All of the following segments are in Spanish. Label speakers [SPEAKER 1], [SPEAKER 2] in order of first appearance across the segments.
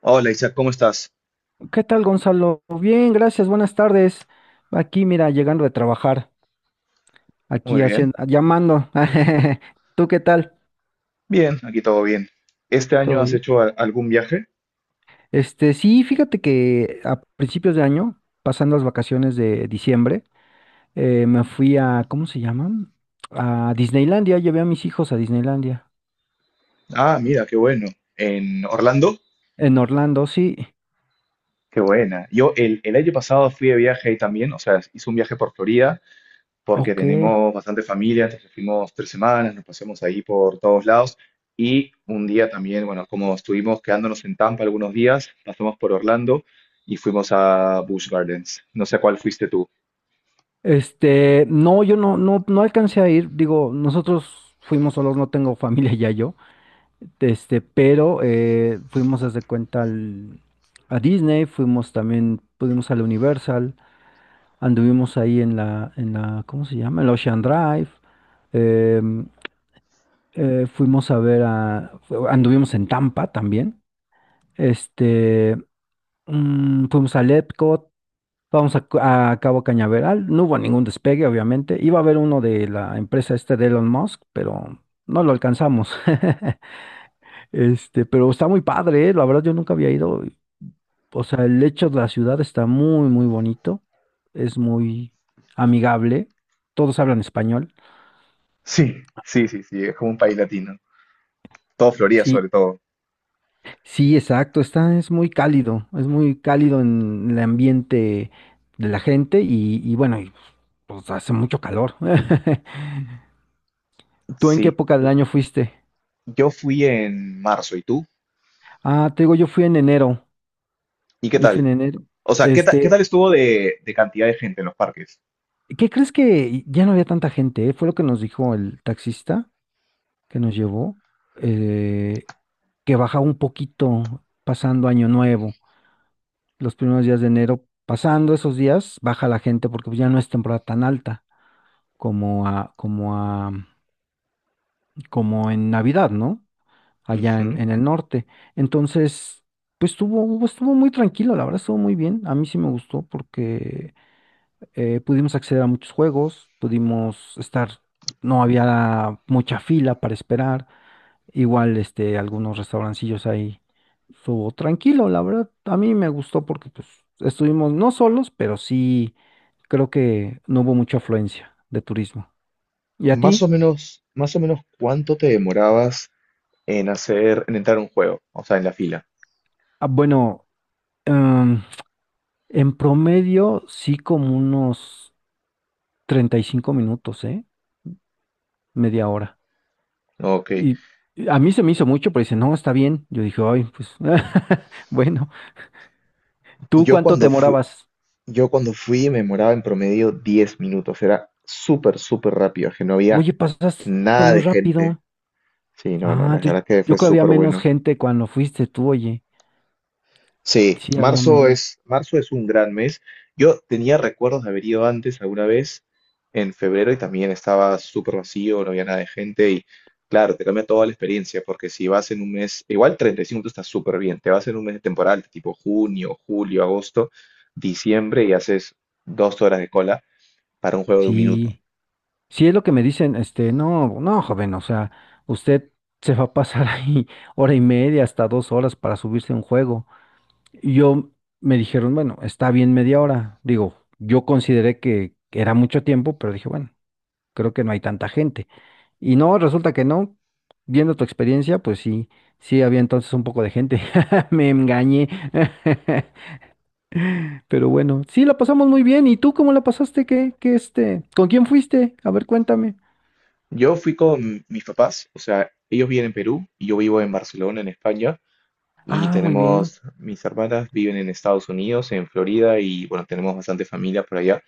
[SPEAKER 1] Hola Isaac, ¿cómo estás?
[SPEAKER 2] ¿Qué tal, Gonzalo? Bien, gracias, buenas tardes. Aquí, mira, llegando de trabajar,
[SPEAKER 1] Muy
[SPEAKER 2] aquí
[SPEAKER 1] bien.
[SPEAKER 2] haciendo, llamando. ¿Tú qué tal?
[SPEAKER 1] Bien, aquí todo bien. ¿Este año
[SPEAKER 2] ¿Todo
[SPEAKER 1] has
[SPEAKER 2] bien?
[SPEAKER 1] hecho algún viaje?
[SPEAKER 2] Este, sí, fíjate que a principios de año, pasando las vacaciones de diciembre, me fui a, ¿cómo se llama? A Disneylandia, llevé a mis hijos a Disneylandia.
[SPEAKER 1] Ah, mira, qué bueno. ¿En Orlando?
[SPEAKER 2] En Orlando, sí.
[SPEAKER 1] Qué buena. Yo el año pasado fui de viaje ahí también, o sea, hice un viaje por Florida porque
[SPEAKER 2] Ok.
[SPEAKER 1] tenemos bastante familia, entonces fuimos 3 semanas, nos pasamos ahí por todos lados y un día también, bueno, como estuvimos quedándonos en Tampa algunos días, pasamos por Orlando y fuimos a Busch Gardens. No sé a cuál fuiste tú.
[SPEAKER 2] Este, no, yo no alcancé a ir. Digo, nosotros fuimos solos, no tengo familia ya yo. Este, pero fuimos haz de cuenta a Disney, fuimos también, pudimos al Universal, anduvimos ahí en la, ¿cómo se llama? El Ocean Drive, em, fuimos a ver a, anduvimos en Tampa también, este, fuimos al Epcot, vamos a Cabo Cañaveral. No hubo ningún despegue, obviamente. Iba a haber uno de la empresa este de Elon Musk, pero no lo alcanzamos. Este, pero está muy padre, ¿eh? La verdad yo nunca había ido. O sea, el hecho de la ciudad está muy, muy bonito. Es muy amigable. Todos hablan español.
[SPEAKER 1] Sí, sí, sí, sí, es como un país latino. Todo Florida
[SPEAKER 2] Sí,
[SPEAKER 1] sobre todo.
[SPEAKER 2] sí, exacto. Es muy cálido. Es muy cálido en el ambiente de la gente y, bueno, pues hace mucho calor. ¿Tú en qué
[SPEAKER 1] Sí,
[SPEAKER 2] época del
[SPEAKER 1] la-
[SPEAKER 2] año fuiste?
[SPEAKER 1] yo fui en marzo, ¿y tú?
[SPEAKER 2] Ah, te digo, yo fui en enero.
[SPEAKER 1] ¿Y qué
[SPEAKER 2] Yo fui en
[SPEAKER 1] tal?
[SPEAKER 2] enero.
[SPEAKER 1] O sea, qué tal
[SPEAKER 2] Este,
[SPEAKER 1] estuvo de cantidad de gente en los parques?
[SPEAKER 2] ¿qué crees? Que ya no había tanta gente, ¿eh? Fue lo que nos dijo el taxista que nos llevó, eh, que bajaba un poquito pasando Año Nuevo. Los primeros días de enero, pasando esos días, baja la gente porque pues, ya no es temporada tan alta como a, como a, como en Navidad, ¿no? Allá en,
[SPEAKER 1] Ujú.
[SPEAKER 2] en el norte. Entonces, pues estuvo muy tranquilo, la verdad, estuvo muy bien. A mí sí me gustó porque pudimos acceder a muchos juegos, pudimos estar, no había mucha fila para esperar, igual este, algunos restaurancillos ahí estuvo tranquilo, la verdad. A mí me gustó porque pues estuvimos no solos, pero sí creo que no hubo mucha afluencia de turismo. ¿Y a ti?
[SPEAKER 1] Más o menos, ¿cuánto te demorabas en hacer, en entrar a un juego? O sea, en la fila.
[SPEAKER 2] Ah, bueno, em, en promedio sí como unos 35 minutos, ¿eh? Media hora.
[SPEAKER 1] Ok.
[SPEAKER 2] Y a mí se me hizo mucho, pero dice, no, está bien. Yo dije, ay, pues, bueno, ¿tú
[SPEAKER 1] Yo
[SPEAKER 2] cuánto te
[SPEAKER 1] cuando fui,
[SPEAKER 2] demorabas?
[SPEAKER 1] yo cuando fui me demoraba en promedio 10 minutos. Era súper, súper rápido, que no había
[SPEAKER 2] Oye, pasaste
[SPEAKER 1] nada
[SPEAKER 2] muy
[SPEAKER 1] de gente.
[SPEAKER 2] rápido.
[SPEAKER 1] Sí, no, no,
[SPEAKER 2] Ah,
[SPEAKER 1] la
[SPEAKER 2] yo,
[SPEAKER 1] verdad que
[SPEAKER 2] yo
[SPEAKER 1] fue
[SPEAKER 2] creo había
[SPEAKER 1] súper
[SPEAKER 2] menos
[SPEAKER 1] bueno.
[SPEAKER 2] gente cuando fuiste tú, oye.
[SPEAKER 1] Sí,
[SPEAKER 2] Sí, había menos.
[SPEAKER 1] marzo es un gran mes. Yo tenía recuerdos de haber ido antes alguna vez en febrero y también estaba súper vacío, no había nada de gente y claro, te cambia toda la experiencia porque si vas en un mes, igual 35 está súper bien, te vas en un mes de temporada tipo junio, julio, agosto, diciembre y haces 2 horas de cola para un juego de un minuto.
[SPEAKER 2] Sí, sí es lo que me dicen, este, no, no, joven, o sea, usted se va a pasar ahí hora y media hasta 2 horas para subirse a un juego. Y yo, me dijeron, bueno, está bien media hora. Digo, yo consideré que era mucho tiempo, pero dije, bueno, creo que no hay tanta gente. Y no, resulta que no. Viendo tu experiencia, pues sí, sí había entonces un poco de gente. Me engañé. Pero bueno, sí, la pasamos muy bien. ¿Y tú cómo la pasaste? ¿Qué este? ¿Con quién fuiste? A ver, cuéntame.
[SPEAKER 1] Yo fui con mis papás, o sea, ellos viven en Perú y yo vivo en Barcelona, en España. Y
[SPEAKER 2] Ah, muy bien.
[SPEAKER 1] tenemos, mis hermanas viven en Estados Unidos, en Florida, y bueno, tenemos bastante familia por allá.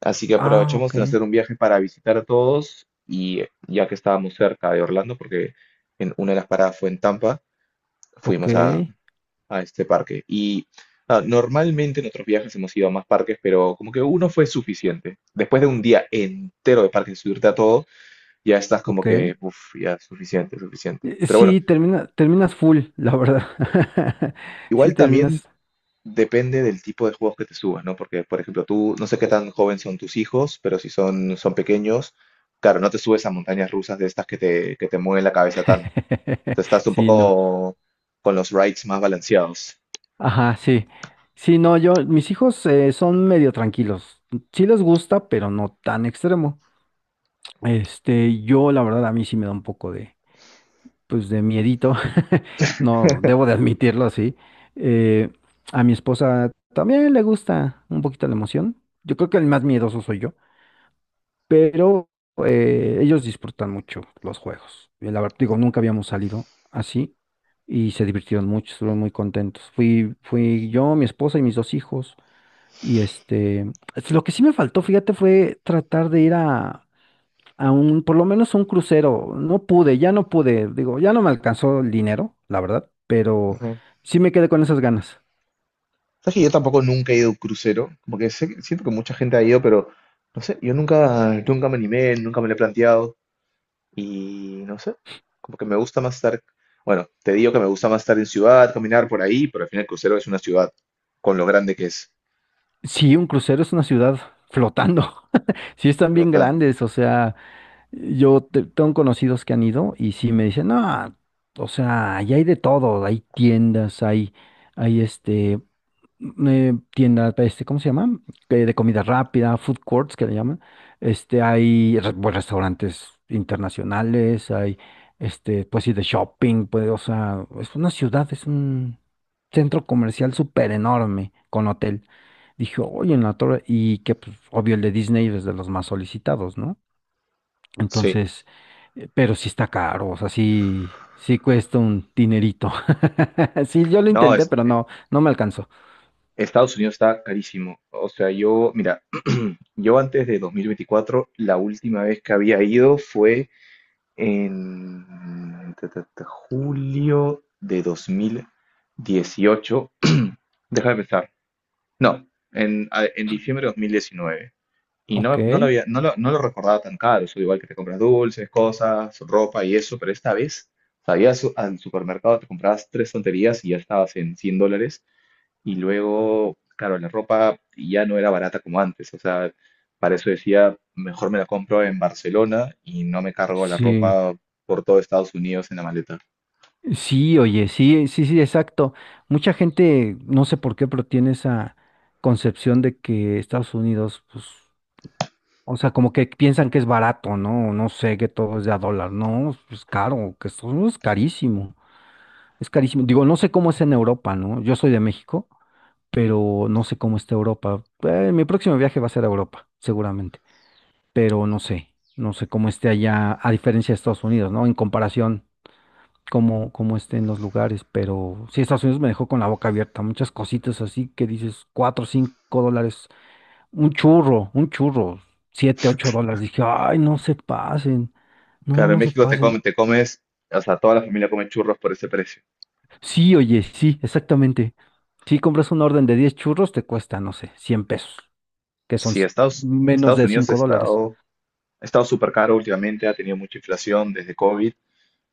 [SPEAKER 1] Así que
[SPEAKER 2] Ah,
[SPEAKER 1] aprovechamos
[SPEAKER 2] ok,
[SPEAKER 1] de hacer un viaje para visitar a todos y ya que estábamos cerca de Orlando, porque en una de las paradas fue en Tampa,
[SPEAKER 2] ok,
[SPEAKER 1] fuimos a este parque. Y ah, normalmente en otros viajes hemos ido a más parques, pero como que uno fue suficiente. Después de un día entero de parques, subirte a todo, ya estás como
[SPEAKER 2] ok.
[SPEAKER 1] que, uff, ya es suficiente, suficiente.
[SPEAKER 2] Eh,
[SPEAKER 1] Pero bueno,
[SPEAKER 2] Sí, terminas full, la verdad. Sí,
[SPEAKER 1] igual también
[SPEAKER 2] terminas.
[SPEAKER 1] depende del tipo de juegos que te subas, ¿no? Porque, por ejemplo, tú, no sé qué tan joven son tus hijos, pero si son, son pequeños, claro, no te subes a montañas rusas de estas que te mueven la cabeza tanto. Te estás un
[SPEAKER 2] Sí, no.
[SPEAKER 1] poco con los rides más balanceados.
[SPEAKER 2] Ajá, sí. Sí, no, mis hijos son medio tranquilos. Sí les gusta, pero no tan extremo. Este, yo, la verdad, a mí sí me da un poco pues, de miedito. No, debo de admitirlo así. Eh, a mi esposa también le gusta un poquito la emoción. Yo creo que el más miedoso soy yo, pero ellos disfrutan mucho los juegos. Y la verdad, digo, nunca habíamos salido así y se divirtieron mucho, estuvieron muy contentos. Fui yo, mi esposa y mis dos hijos. Y este, lo que sí me faltó, fíjate, fue tratar de ir a, por lo menos a un crucero. Ya no pude, digo, ya no me alcanzó el dinero, la verdad, pero
[SPEAKER 1] Ujú.
[SPEAKER 2] sí me quedé con esas ganas.
[SPEAKER 1] Sabes que yo tampoco nunca he ido a un crucero, como que siento que mucha gente ha ido, pero no sé, yo nunca, nunca me animé, nunca me lo he planteado y no sé, como que me gusta más estar, bueno, te digo que me gusta más estar en ciudad, caminar por ahí, pero al final el crucero es una ciudad con lo grande que es.
[SPEAKER 2] Sí, un crucero es una ciudad flotando. Sí están bien
[SPEAKER 1] Flotando.
[SPEAKER 2] grandes, o sea, yo tengo conocidos que han ido y sí me dicen, no, o sea, ahí hay de todo, hay tiendas, hay este, tiendas, este, ¿cómo se llama? De comida rápida, food courts que le llaman. Este, hay pues, restaurantes internacionales, este, pues sí, de shopping, pues, o sea, es una ciudad, es un centro comercial súper enorme con hotel. Dije, oye, en la torre, y que, pues, obvio, el de Disney es de los más solicitados, ¿no?
[SPEAKER 1] Sí.
[SPEAKER 2] Entonces, pero sí está caro, o sea, sí, sí cuesta un dinerito. Sí, yo lo
[SPEAKER 1] No,
[SPEAKER 2] intenté,
[SPEAKER 1] es,
[SPEAKER 2] pero no, no me alcanzó.
[SPEAKER 1] Estados Unidos está carísimo. O sea, yo, mira, yo antes de 2024, la última vez que había ido fue en ta, ta, ta, julio de 2018. Deja de pensar. No, en, en diciembre de 2019. Y
[SPEAKER 2] Ok,
[SPEAKER 1] no, no lo había, no lo, no lo recordaba tan caro. Eso igual que te compras dulces, cosas, ropa y eso, pero esta vez, sabías, al supermercado te comprabas tres tonterías y ya estabas en $100. Y luego, claro, la ropa ya no era barata como antes. O sea, para eso decía, mejor me la compro en Barcelona y no me cargo la
[SPEAKER 2] sí,
[SPEAKER 1] ropa por todo Estados Unidos en la maleta.
[SPEAKER 2] sí, oye, sí, sí, sí, exacto. Mucha gente, no sé por qué, pero tiene esa concepción de que Estados Unidos, pues, o sea, como que piensan que es barato, ¿no? No sé, que todo es de a dólar. No, es caro, que Estados Unidos es carísimo, es carísimo. Digo, no sé cómo es en Europa, ¿no? Yo soy de México, pero no sé cómo está Europa. Mi próximo viaje va a ser a Europa, seguramente, pero no sé, no sé cómo esté allá, a diferencia de Estados Unidos, ¿no? En comparación, cómo, estén los lugares, pero sí, Estados Unidos me dejó con la boca abierta, muchas cositas así que dices, cuatro, cinco dólares, un churro, siete, ocho dólares. Dije, ay, no se pasen, no,
[SPEAKER 1] Claro, en
[SPEAKER 2] no se
[SPEAKER 1] México
[SPEAKER 2] pasen.
[SPEAKER 1] te comes, o sea, toda la familia come churros por ese precio.
[SPEAKER 2] Sí, oye, sí, exactamente. Si compras una orden de 10 churros, te cuesta, no sé, 100 pesos, que son
[SPEAKER 1] Sí,
[SPEAKER 2] menos
[SPEAKER 1] Estados
[SPEAKER 2] de
[SPEAKER 1] Unidos
[SPEAKER 2] $5.
[SPEAKER 1] ha estado súper caro últimamente, ha tenido mucha inflación desde COVID,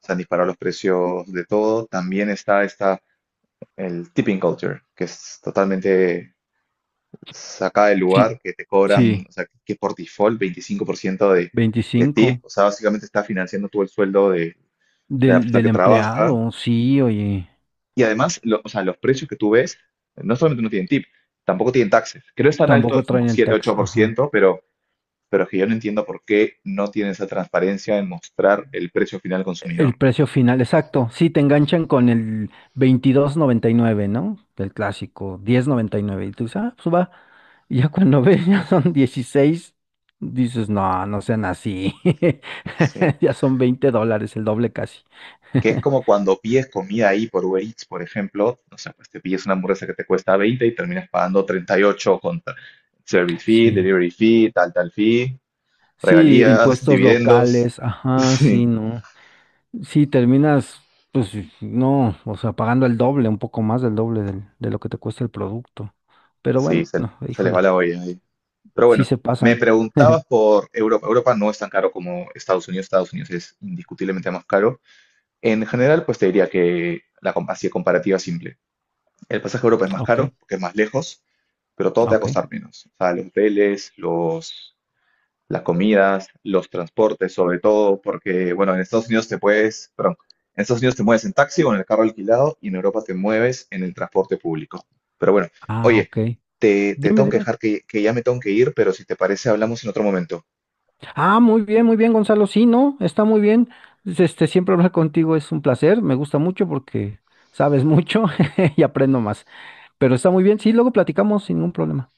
[SPEAKER 1] se han disparado los precios de todo. También está el tipping culture, que es totalmente saca del
[SPEAKER 2] Sí,
[SPEAKER 1] lugar que te cobran,
[SPEAKER 2] sí,
[SPEAKER 1] o sea, que por default 25% de
[SPEAKER 2] 25
[SPEAKER 1] tip, o sea, básicamente está financiando tú el sueldo de la
[SPEAKER 2] del,
[SPEAKER 1] persona
[SPEAKER 2] del
[SPEAKER 1] que trabaja.
[SPEAKER 2] empleado, sí, oye,
[SPEAKER 1] Y además, o sea, los precios que tú ves, no solamente no tienen tip, tampoco tienen taxes. Creo que no es tan alto,
[SPEAKER 2] tampoco
[SPEAKER 1] es
[SPEAKER 2] traen
[SPEAKER 1] como
[SPEAKER 2] el
[SPEAKER 1] siete-ocho
[SPEAKER 2] tax,
[SPEAKER 1] por
[SPEAKER 2] ajá.
[SPEAKER 1] ciento pero es que yo no entiendo por qué no tiene esa transparencia en mostrar el precio final al
[SPEAKER 2] El
[SPEAKER 1] consumidor.
[SPEAKER 2] precio final, exacto, sí, te enganchan con el 22.99, ¿no? El clásico, 10.99, y tú dices, ah, pues va, y ya cuando ves, ya son 16, dices, no, no sean así,
[SPEAKER 1] Sí.
[SPEAKER 2] ya son $20, el doble casi,
[SPEAKER 1] Que es como cuando pides comida ahí por Uber Eats, por ejemplo, o sea, pues te pides una hamburguesa que te cuesta 20 y terminas pagando 38 con service fee,
[SPEAKER 2] sí,
[SPEAKER 1] delivery fee, tal, tal fee,
[SPEAKER 2] sí,
[SPEAKER 1] regalías,
[SPEAKER 2] impuestos
[SPEAKER 1] dividendos.
[SPEAKER 2] locales, ajá,
[SPEAKER 1] Sí,
[SPEAKER 2] sí, no. Sí, terminas, pues sí, sí, no, o sea, pagando el doble, un poco más del doble de lo que te cuesta el producto. Pero
[SPEAKER 1] sí,
[SPEAKER 2] bueno,
[SPEAKER 1] se les va
[SPEAKER 2] híjole,
[SPEAKER 1] la olla ahí. Pero
[SPEAKER 2] sí
[SPEAKER 1] bueno,
[SPEAKER 2] se
[SPEAKER 1] me
[SPEAKER 2] pasan.
[SPEAKER 1] preguntabas por Europa. Europa no es tan caro como Estados Unidos. Estados Unidos es indiscutiblemente más caro. En general, pues te diría que así de comparativa simple. El pasaje a Europa es más
[SPEAKER 2] Ok,
[SPEAKER 1] caro porque es más lejos pero todo te va a
[SPEAKER 2] ok,
[SPEAKER 1] costar menos. O sea, los hoteles, las comidas, los transportes, sobre todo, porque, bueno, en Estados Unidos te puedes, perdón, en Estados Unidos te mueves en taxi o en el carro alquilado y en Europa te mueves en el transporte público. Pero bueno,
[SPEAKER 2] ah,
[SPEAKER 1] oye,
[SPEAKER 2] ok.
[SPEAKER 1] te
[SPEAKER 2] Dime,
[SPEAKER 1] tengo que
[SPEAKER 2] dime.
[SPEAKER 1] dejar que ya me tengo que ir, pero si te parece, hablamos en otro momento.
[SPEAKER 2] Ah, muy bien, Gonzalo. Sí, no, está muy bien. Este, siempre hablar contigo es un placer, me gusta mucho porque sabes mucho y aprendo más. Pero está muy bien, sí, luego platicamos sin ningún problema.